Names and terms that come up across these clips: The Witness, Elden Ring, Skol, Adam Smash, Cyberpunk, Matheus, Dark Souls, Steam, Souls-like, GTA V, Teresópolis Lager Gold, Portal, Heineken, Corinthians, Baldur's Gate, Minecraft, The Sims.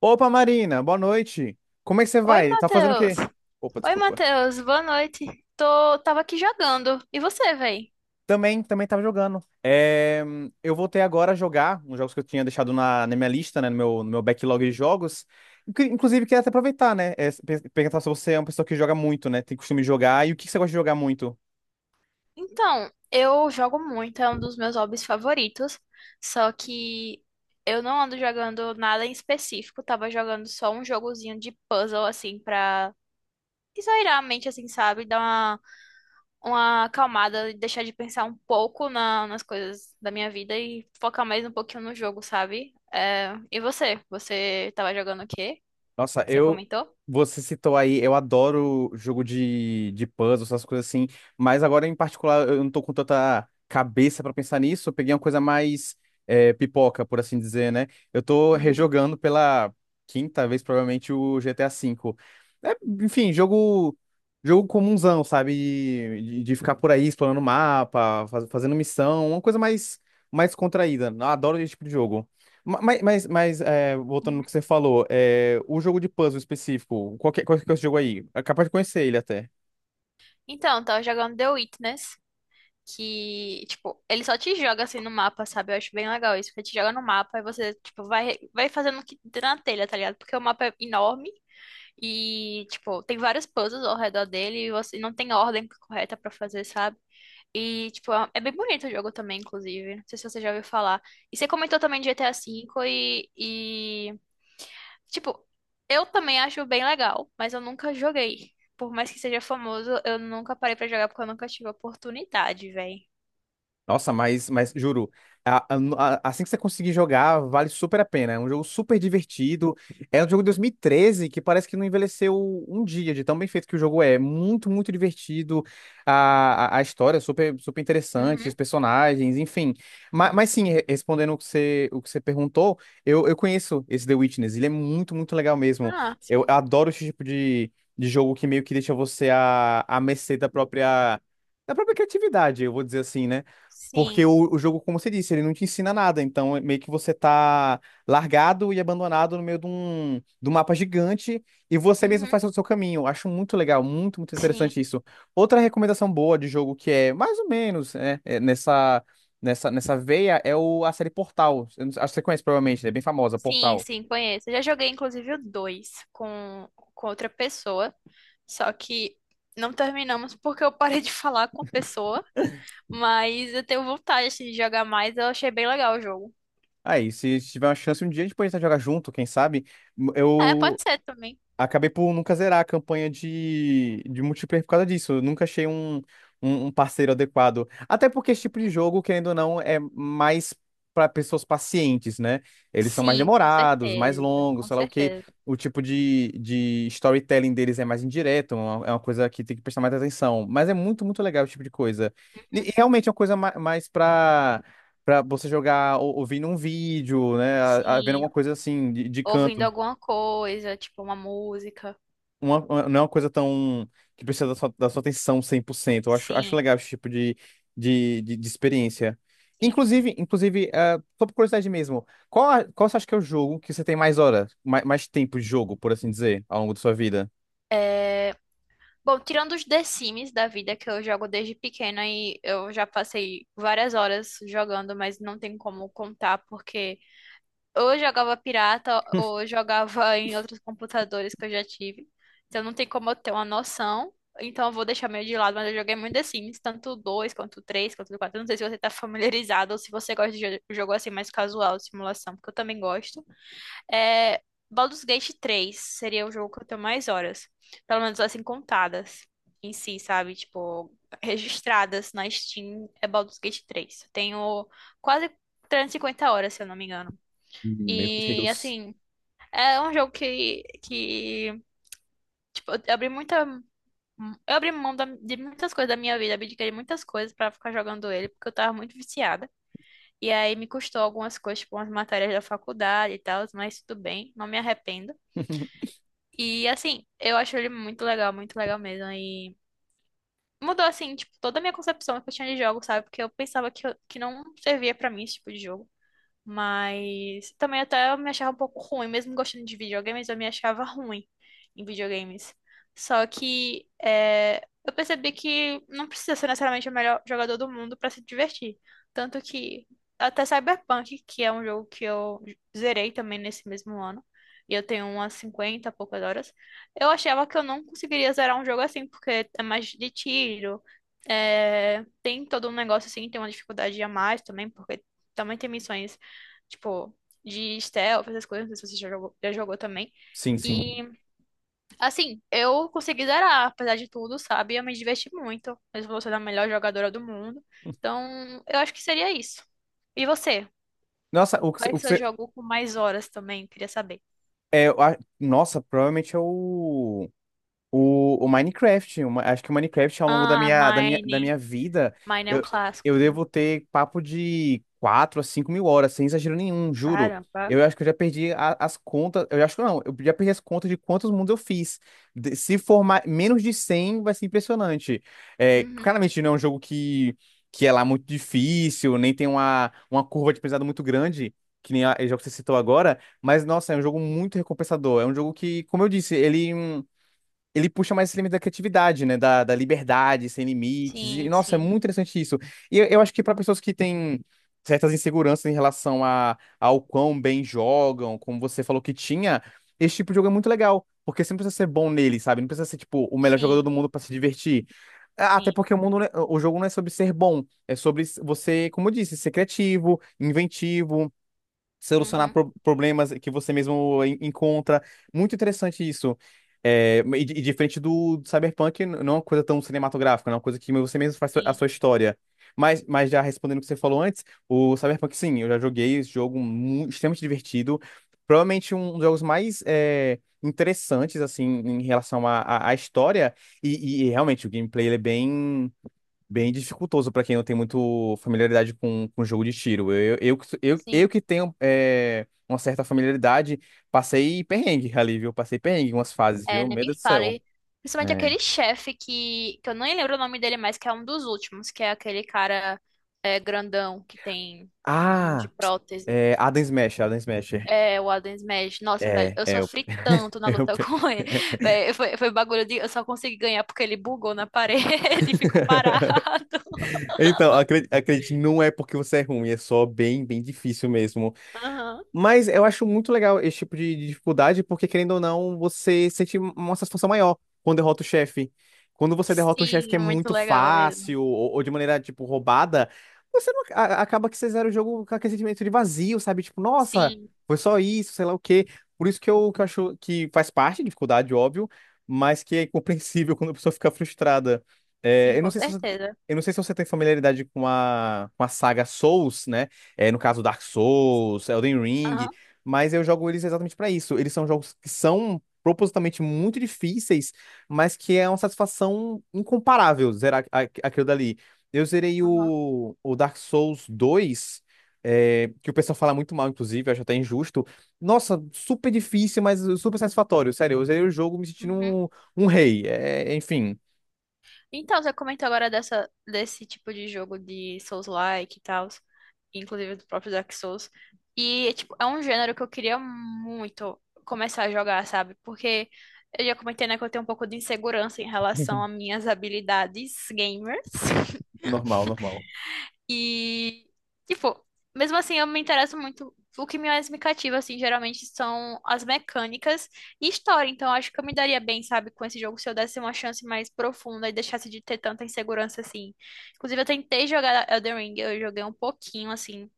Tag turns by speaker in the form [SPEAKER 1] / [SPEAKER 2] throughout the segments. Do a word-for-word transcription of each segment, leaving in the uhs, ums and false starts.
[SPEAKER 1] Opa, Marina, boa noite. Como é que você
[SPEAKER 2] Oi,
[SPEAKER 1] vai? Tá fazendo o
[SPEAKER 2] Matheus.
[SPEAKER 1] quê? Opa,
[SPEAKER 2] Oi,
[SPEAKER 1] desculpa.
[SPEAKER 2] Matheus. Boa noite. Tô, tava aqui jogando. E você, véi?
[SPEAKER 1] Também, também tava jogando. É, hum, eu voltei agora a jogar uns jogos que eu tinha deixado na, na minha lista, né, no meu, no meu backlog de jogos. Inclu- Inclusive, queria até aproveitar, né, é, pe- perguntar se você é uma pessoa que joga muito, né, tem costume de jogar, e o que que você gosta de jogar muito?
[SPEAKER 2] Então, eu jogo muito, é um dos meus hobbies favoritos. Só que eu não ando jogando nada em específico. Tava jogando só um jogozinho de puzzle, assim, pra esairar a mente, assim, sabe? Dar uma, uma acalmada e deixar de pensar um pouco na- nas coisas da minha vida e focar mais um pouquinho no jogo, sabe? É, E você? Você tava jogando o quê?
[SPEAKER 1] Nossa,
[SPEAKER 2] Você
[SPEAKER 1] eu.
[SPEAKER 2] comentou?
[SPEAKER 1] Você citou aí, eu adoro jogo de, de puzzle, essas coisas assim, mas agora em particular eu não tô com tanta cabeça pra pensar nisso, eu peguei uma coisa mais eh, pipoca, por assim dizer, né? Eu tô rejogando pela quinta vez, provavelmente, o G T A cinco. É, enfim, jogo, jogo comunzão, sabe? De, de ficar por aí explorando o mapa, faz- fazendo missão, uma coisa mais, mais contraída. Eu adoro esse tipo de jogo. Ma- Mas, mas, mas é, voltando no
[SPEAKER 2] Uhum.
[SPEAKER 1] que você falou, é, o jogo de puzzle específico, qual que, qual que é esse jogo aí? É capaz de conhecer ele até.
[SPEAKER 2] Então, tava jogando The Witness, que, tipo, ele só te joga assim no mapa, sabe? Eu acho bem legal isso, porque te joga no mapa e você, tipo, vai, vai fazendo o que der na telha, tá ligado? Porque o mapa é enorme e, tipo, tem vários puzzles ao redor dele e você não tem ordem correta pra fazer, sabe? E, tipo, é é bem bonito o jogo também, inclusive. Não sei se você já ouviu falar. E você comentou também de G T A cinco V e, e Tipo, eu também acho bem legal, mas eu nunca joguei. Por mais que seja famoso, eu nunca parei pra jogar porque eu nunca tive oportunidade, véi.
[SPEAKER 1] Nossa, mas, mas juro, a- a- a- assim que você conseguir jogar, vale super a pena. É um jogo super divertido. É um jogo de dois mil e treze que parece que não envelheceu um dia, de tão bem feito que o jogo é. Muito, muito divertido. A, a, a história é super, super interessante,
[SPEAKER 2] Uhum.
[SPEAKER 1] os personagens, enfim. Mas, mas sim, re- respondendo o que você, o que você perguntou, eu, eu conheço esse The Witness. Ele é muito, muito legal mesmo.
[SPEAKER 2] Ah,
[SPEAKER 1] Eu
[SPEAKER 2] sim.
[SPEAKER 1] adoro esse tipo de, de jogo que meio que deixa você à, à mercê da própria, da própria criatividade, eu vou dizer assim, né? Porque
[SPEAKER 2] Sim.
[SPEAKER 1] o, o jogo, como você disse, ele não te ensina nada. Então, é meio que você tá largado e abandonado no meio de um, de um mapa gigante e você mesmo
[SPEAKER 2] Uhum.
[SPEAKER 1] faz o seu caminho. Acho muito legal, muito, muito
[SPEAKER 2] Sim.
[SPEAKER 1] interessante isso. Outra recomendação boa de jogo que é mais ou menos né, é nessa, nessa, nessa veia é o, a série Portal. Eu não- Acho que você conhece provavelmente, né? É bem famosa,
[SPEAKER 2] Sim,
[SPEAKER 1] Portal.
[SPEAKER 2] sim, conheço. Eu já joguei, inclusive, o dois com, com outra pessoa. Só que não terminamos porque eu parei de falar com a pessoa. Mas eu tenho vontade assim, de jogar mais. Eu achei bem legal o jogo.
[SPEAKER 1] Aí, se tiver uma chance um dia, a gente pode tentar jogar junto, quem sabe?
[SPEAKER 2] É,
[SPEAKER 1] Eu,
[SPEAKER 2] pode ser também.
[SPEAKER 1] Acabei por nunca zerar a campanha de, de multiplayer por causa disso. Eu nunca achei um, um, um parceiro adequado. Até porque esse tipo de
[SPEAKER 2] Uhum.
[SPEAKER 1] jogo, querendo ou não, é mais para pessoas pacientes, né? Eles são mais
[SPEAKER 2] Sim, com
[SPEAKER 1] demorados, mais
[SPEAKER 2] certeza.
[SPEAKER 1] longos,
[SPEAKER 2] Com
[SPEAKER 1] sei lá o quê.
[SPEAKER 2] certeza.
[SPEAKER 1] O tipo de, de storytelling deles é mais indireto, é uma- é uma coisa que tem que prestar mais atenção. Mas é muito, muito legal esse tipo de coisa. E, e realmente é uma coisa ma- mais para para você jogar ou- ouvindo um vídeo, né? A- a- Vendo
[SPEAKER 2] Sim,
[SPEAKER 1] alguma coisa assim, de, de
[SPEAKER 2] ouvindo
[SPEAKER 1] canto
[SPEAKER 2] alguma coisa, tipo uma música.
[SPEAKER 1] uma, uma- não é uma coisa tão que precisa da sua, da sua atenção cem por cento. Eu acho, acho
[SPEAKER 2] Sim,
[SPEAKER 1] legal esse tipo de, de, de, de experiência.
[SPEAKER 2] sim, sim.
[SPEAKER 1] Inclusive, inclusive, ah, só por curiosidade mesmo, qual, a- qual você acha que é o jogo que você tem mais horas, mais, mais tempo de jogo, por assim dizer, ao longo da sua vida?
[SPEAKER 2] É, Bom, tirando os The Sims da vida que eu jogo desde pequena e eu já passei várias horas jogando, mas não tem como contar porque ou eu jogava pirata ou eu jogava em outros computadores que eu já tive. Então não tem como eu ter uma noção. Então eu vou deixar meio de lado, mas eu joguei muito The Sims, tanto o dois quanto o três, quanto o quatro. Não sei se você tá familiarizado ou se você gosta de jo- jogo assim mais casual, de simulação, porque eu também gosto. É, Baldur's Gate três seria o jogo que eu tenho mais horas, pelo menos assim contadas em si, sabe? Tipo, registradas na Steam é Baldur's Gate três. Eu tenho quase trezentas e cinquenta horas, se eu não me engano.
[SPEAKER 1] Meu
[SPEAKER 2] E
[SPEAKER 1] Deus.
[SPEAKER 2] assim, é um jogo que, que tipo, eu abri muita. Eu abri mão da- de muitas coisas da minha vida, abdiquei de muitas coisas pra ficar jogando ele, porque eu tava muito viciada. E aí me custou algumas coisas, tipo, umas matérias da faculdade e tal, mas tudo bem, não me arrependo. E assim, eu acho ele muito legal, muito legal mesmo. E mudou, assim, tipo, toda a minha concepção que eu tinha de jogo, sabe? Porque eu pensava que, eu- que não servia pra mim esse tipo de jogo. Mas também até eu me achava um pouco ruim, mesmo gostando de videogames, eu me achava ruim em videogames. Só que é, eu percebi que não precisa ser necessariamente o melhor jogador do mundo pra se divertir. Tanto que até Cyberpunk, que é um jogo que eu zerei também nesse mesmo ano, e eu tenho umas cinquenta e poucas horas, eu achava que eu não conseguiria zerar um jogo assim, porque é mais de tiro, é, tem todo um negócio assim, tem uma dificuldade a mais também, porque também tem missões tipo, de stealth, essas coisas, não sei se você já jogou, já jogou também.
[SPEAKER 1] Sim, sim.
[SPEAKER 2] E, assim, eu consegui zerar, apesar de tudo, sabe? Eu me diverti muito, mesmo você sendo a melhor jogadora do mundo. Então, eu acho que seria isso. E você?
[SPEAKER 1] Nossa, o que você.
[SPEAKER 2] Qual é o
[SPEAKER 1] o que
[SPEAKER 2] seu
[SPEAKER 1] você-
[SPEAKER 2] jogo com mais horas também? Queria saber.
[SPEAKER 1] É, eu a- nossa, provavelmente é o. O, o Minecraft, o Ma- acho que o Minecraft ao longo da
[SPEAKER 2] Ah,
[SPEAKER 1] minha, da minha, da
[SPEAKER 2] Mine.
[SPEAKER 1] minha vida,
[SPEAKER 2] Mine é um
[SPEAKER 1] eu,
[SPEAKER 2] clássico
[SPEAKER 1] eu
[SPEAKER 2] também.
[SPEAKER 1] devo ter papo de quatro a cinco mil horas, sem exagero nenhum, juro.
[SPEAKER 2] Caramba.
[SPEAKER 1] Eu acho que eu já perdi a- as contas, eu acho que não, eu já perdi as contas de quantos mundos eu fiz. De- se for ma- menos de cem, vai ser impressionante. É,
[SPEAKER 2] Uhum.
[SPEAKER 1] claramente não é um jogo que, que é lá muito difícil, nem tem uma, uma curva de aprendizado muito grande, que nem a- o jogo que você citou agora, mas nossa, é um jogo muito recompensador. É um jogo que, como eu disse, ele ele puxa mais esse limite da criatividade, né? Da, da liberdade, sem limites. E,
[SPEAKER 2] Sim,
[SPEAKER 1] nossa, é
[SPEAKER 2] sim.
[SPEAKER 1] muito interessante isso. E eu, eu acho que para pessoas que têm certas inseguranças em relação a, ao quão bem jogam, como você falou que tinha, esse tipo de jogo é muito legal. Porque você não precisa ser bom nele, sabe? Não precisa ser, tipo, o melhor jogador do
[SPEAKER 2] Sim,
[SPEAKER 1] mundo para se divertir. Até
[SPEAKER 2] sim.
[SPEAKER 1] porque o mundo, não é- o jogo não é sobre ser bom, é sobre você, como eu disse, ser criativo, inventivo, solucionar
[SPEAKER 2] Uhum.
[SPEAKER 1] pro- problemas que você mesmo en- encontra. Muito interessante isso. É, e, di- e diferente do, do Cyberpunk, n- não é uma coisa tão cinematográfica, não é uma coisa que você mesmo faz a
[SPEAKER 2] Sim,
[SPEAKER 1] sua história. Mas, mas já respondendo o que você falou antes, o Cyberpunk, sim, eu já joguei esse jogo mu- extremamente divertido. Provavelmente um dos jogos mais é, interessantes, assim, em relação à à- à história. E, e- e realmente o gameplay ele é bem bem dificultoso pra quem não tem muito familiaridade com, com jogo de tiro. Eu, eu, que- eu, eu
[SPEAKER 2] sim.
[SPEAKER 1] que tenho é, uma certa familiaridade, passei perrengue ali, viu? Passei perrengue em umas fases,
[SPEAKER 2] É,
[SPEAKER 1] viu?
[SPEAKER 2] nem
[SPEAKER 1] Meu
[SPEAKER 2] me
[SPEAKER 1] Deus do céu.
[SPEAKER 2] fale. Principalmente
[SPEAKER 1] É.
[SPEAKER 2] aquele chefe que, que eu nem lembro o nome dele mais, que é um dos últimos, que é aquele cara é, grandão que tem um monte de
[SPEAKER 1] Ah,
[SPEAKER 2] prótese.
[SPEAKER 1] é, Adam Smash, Adam Smash.
[SPEAKER 2] É, o Adam Smash. Nossa, velho,
[SPEAKER 1] É,
[SPEAKER 2] eu
[SPEAKER 1] é, eu,
[SPEAKER 2] sofri tanto na
[SPEAKER 1] eu...
[SPEAKER 2] luta com ele. Véi, foi, foi bagulho de. Eu só consegui ganhar porque ele bugou na parede e ficou parado.
[SPEAKER 1] Então, acredite, acredite, não é porque você é ruim, é só bem, bem difícil mesmo.
[SPEAKER 2] Aham.
[SPEAKER 1] Mas eu acho muito legal esse tipo de de dificuldade, porque querendo ou não, você sente uma satisfação maior quando derrota o chefe. Quando você derrota um chefe que
[SPEAKER 2] Sim,
[SPEAKER 1] é
[SPEAKER 2] é muito
[SPEAKER 1] muito
[SPEAKER 2] legal mesmo.
[SPEAKER 1] fácil ou, ou de maneira, tipo, roubada, você não, a- acaba que você zera o jogo com aquele sentimento de vazio, sabe? Tipo, nossa,
[SPEAKER 2] Sim,
[SPEAKER 1] foi só isso, sei lá o quê. Por isso que eu, que eu acho que faz parte, de dificuldade, óbvio, mas que é compreensível quando a pessoa fica frustrada. É,
[SPEAKER 2] sim,
[SPEAKER 1] eu não
[SPEAKER 2] com
[SPEAKER 1] sei se você,
[SPEAKER 2] certeza.
[SPEAKER 1] eu não sei se você tem familiaridade com a, com a saga Souls, né? É, no caso, Dark Souls, Elden Ring,
[SPEAKER 2] Aham,
[SPEAKER 1] mas eu jogo eles exatamente pra isso. Eles são jogos que são propositalmente muito difíceis, mas que é uma satisfação incomparável zerar a- aquilo dali. Eu zerei
[SPEAKER 2] aham.
[SPEAKER 1] o, o Dark Souls dois, é, que o pessoal fala muito mal, inclusive, eu acho até injusto. Nossa, super difícil, mas super satisfatório. Sério, eu zerei o jogo me sentindo
[SPEAKER 2] Uhum.
[SPEAKER 1] um, um rei. É, enfim,
[SPEAKER 2] Então, você comentou agora dessa, desse tipo de jogo de Souls-like e tal, inclusive do próprio Dark Souls. E é, tipo, é um gênero que eu queria muito começar a jogar, sabe? Porque eu já comentei, né, que eu tenho um pouco de insegurança em relação às minhas habilidades gamers.
[SPEAKER 1] normal, normal.
[SPEAKER 2] E, tipo, mesmo assim, eu me interesso muito. O que mais me cativa, assim, geralmente são as mecânicas e história. Então, eu acho que eu me daria bem, sabe, com esse jogo se eu desse uma chance mais profunda e deixasse de ter tanta insegurança, assim. Inclusive, eu tentei jogar Elden Ring, eu joguei um pouquinho, assim,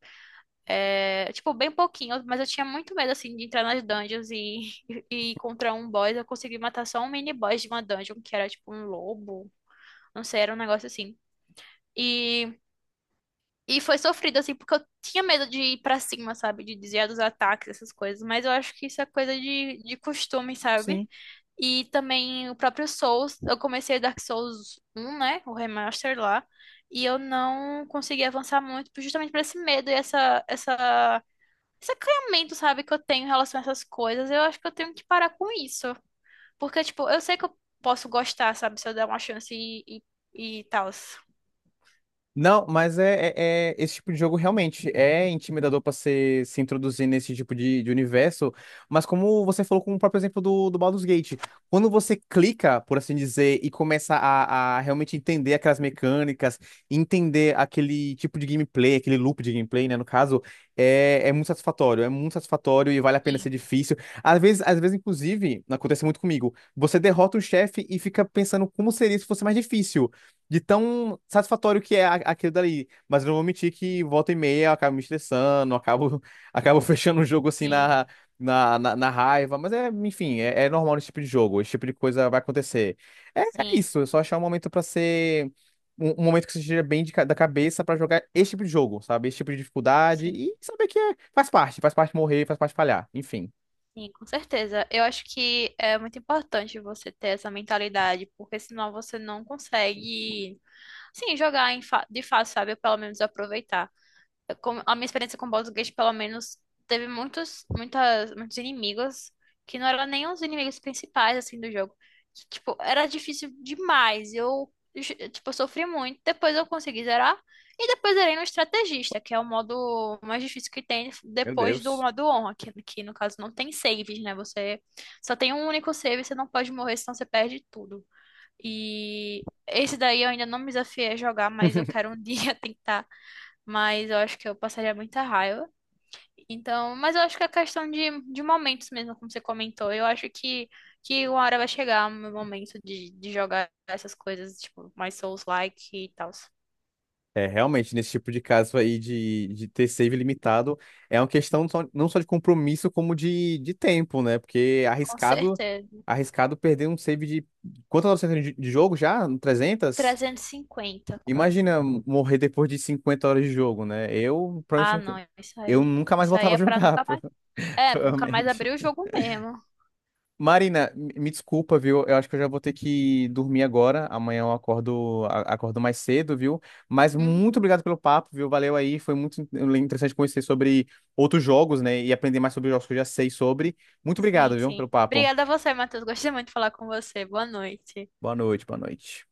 [SPEAKER 2] é, tipo, bem pouquinho, mas eu tinha muito medo, assim, de entrar nas dungeons e, e encontrar um boss. Eu consegui matar só um mini boss de uma dungeon, que era, tipo, um lobo. Não sei, era um negócio assim. E e foi sofrido, assim, porque eu tinha medo de ir pra cima, sabe? De desviar dos ataques, essas coisas. Mas eu acho que isso é coisa de, de costume,
[SPEAKER 1] Sim.
[SPEAKER 2] sabe? E também o próprio Souls. Eu comecei Dark Souls um, né? O remaster lá. E eu não consegui avançar muito, justamente por esse medo e essa, essa, esse acanhamento, sabe? Que eu tenho em relação a essas coisas. Eu acho que eu tenho que parar com isso. Porque, tipo, eu sei que eu posso gostar, sabe? Se eu der uma chance e, e, e tal.
[SPEAKER 1] Não, mas é, é- é- esse tipo de jogo realmente é intimidador para se, se introduzir nesse tipo de, de universo. Mas como você falou com o próprio exemplo do, do Baldur's Gate, quando você clica, por assim dizer, e começa a, a realmente entender aquelas mecânicas, entender aquele tipo de gameplay, aquele loop de gameplay, né, no caso, é, é muito satisfatório, é muito satisfatório e vale a pena ser
[SPEAKER 2] Sim,
[SPEAKER 1] difícil. Às vezes, às vezes, inclusive, acontece muito comigo, você derrota um chefe e fica pensando como seria se fosse mais difícil de tão satisfatório que é a- aquilo dali. Mas eu não vou mentir que volta e meia eu acabo me estressando, eu acabo, acabo fechando o jogo assim
[SPEAKER 2] sim,
[SPEAKER 1] na, na, na, na raiva. Mas é, enfim, é, é normal nesse tipo de jogo, esse tipo de coisa vai acontecer. É, é
[SPEAKER 2] sim,
[SPEAKER 1] isso, é
[SPEAKER 2] sim.
[SPEAKER 1] só achar um momento pra ser. Um, um momento que você esteja bem de ca- da cabeça pra jogar esse tipo de jogo, sabe? Esse tipo de dificuldade
[SPEAKER 2] Sim.
[SPEAKER 1] e saber que é- faz parte, faz parte morrer, faz parte falhar, enfim.
[SPEAKER 2] Sim, com certeza. Eu acho que é muito importante você ter essa mentalidade, porque senão você não consegue, sim, jogar em fa- de fácil, sabe? Ou pelo menos aproveitar com- a minha experiência com Baldur's Gate, pelo menos, teve muitos, muitas, muitos inimigos que não eram nem os inimigos principais, assim, do jogo. Tipo, era difícil demais. Eu, eu, tipo, sofri muito. Depois eu consegui zerar. E depois zerei no estrategista, que é o modo mais difícil que tem
[SPEAKER 1] Meu
[SPEAKER 2] depois do
[SPEAKER 1] Deus.
[SPEAKER 2] modo honra, que, que no caso não tem saves, né? Você só tem um único save, você não pode morrer, senão você perde tudo. E esse daí eu ainda não me desafiei a jogar, mas eu quero um dia tentar, mas eu acho que eu passaria muita raiva. Então, mas eu acho que é questão de, de momentos mesmo, como você comentou. Eu acho que, que uma hora vai chegar o meu momento de, de jogar essas coisas, tipo, mais Souls-like e tal.
[SPEAKER 1] É, realmente, nesse tipo de caso aí de, de ter save limitado, é uma questão só- não só de compromisso, como de, de tempo, né? Porque
[SPEAKER 2] Com
[SPEAKER 1] arriscado,
[SPEAKER 2] certeza.
[SPEAKER 1] arriscado perder um save de quantas horas você tem de, de jogo já? Trezentas.
[SPEAKER 2] trezentos e cinquenta, quase.
[SPEAKER 1] Imagina morrer depois de cinquenta horas de jogo, né? Eu provavelmente
[SPEAKER 2] Ah, não,
[SPEAKER 1] nunca,
[SPEAKER 2] isso
[SPEAKER 1] eu
[SPEAKER 2] aí.
[SPEAKER 1] nunca mais
[SPEAKER 2] Isso aí
[SPEAKER 1] voltava a
[SPEAKER 2] é pra
[SPEAKER 1] jogar,
[SPEAKER 2] nunca
[SPEAKER 1] pro-
[SPEAKER 2] mais. É, pra nunca mais
[SPEAKER 1] provavelmente.
[SPEAKER 2] abrir o jogo mesmo.
[SPEAKER 1] Marina, me me desculpa, viu? Eu acho que eu já vou ter que dormir agora. Amanhã eu acordo, a- acordo mais cedo, viu? Mas
[SPEAKER 2] Uhum.
[SPEAKER 1] muito obrigado pelo papo, viu? Valeu aí. Foi muito in- interessante conhecer sobre outros jogos, né? E aprender mais sobre os jogos que eu já sei sobre. Muito obrigado,
[SPEAKER 2] Sim,
[SPEAKER 1] viu, pelo
[SPEAKER 2] sim.
[SPEAKER 1] papo.
[SPEAKER 2] Obrigada a você, Matheus. Gostei muito de falar com você. Boa noite.
[SPEAKER 1] Boa noite, boa noite.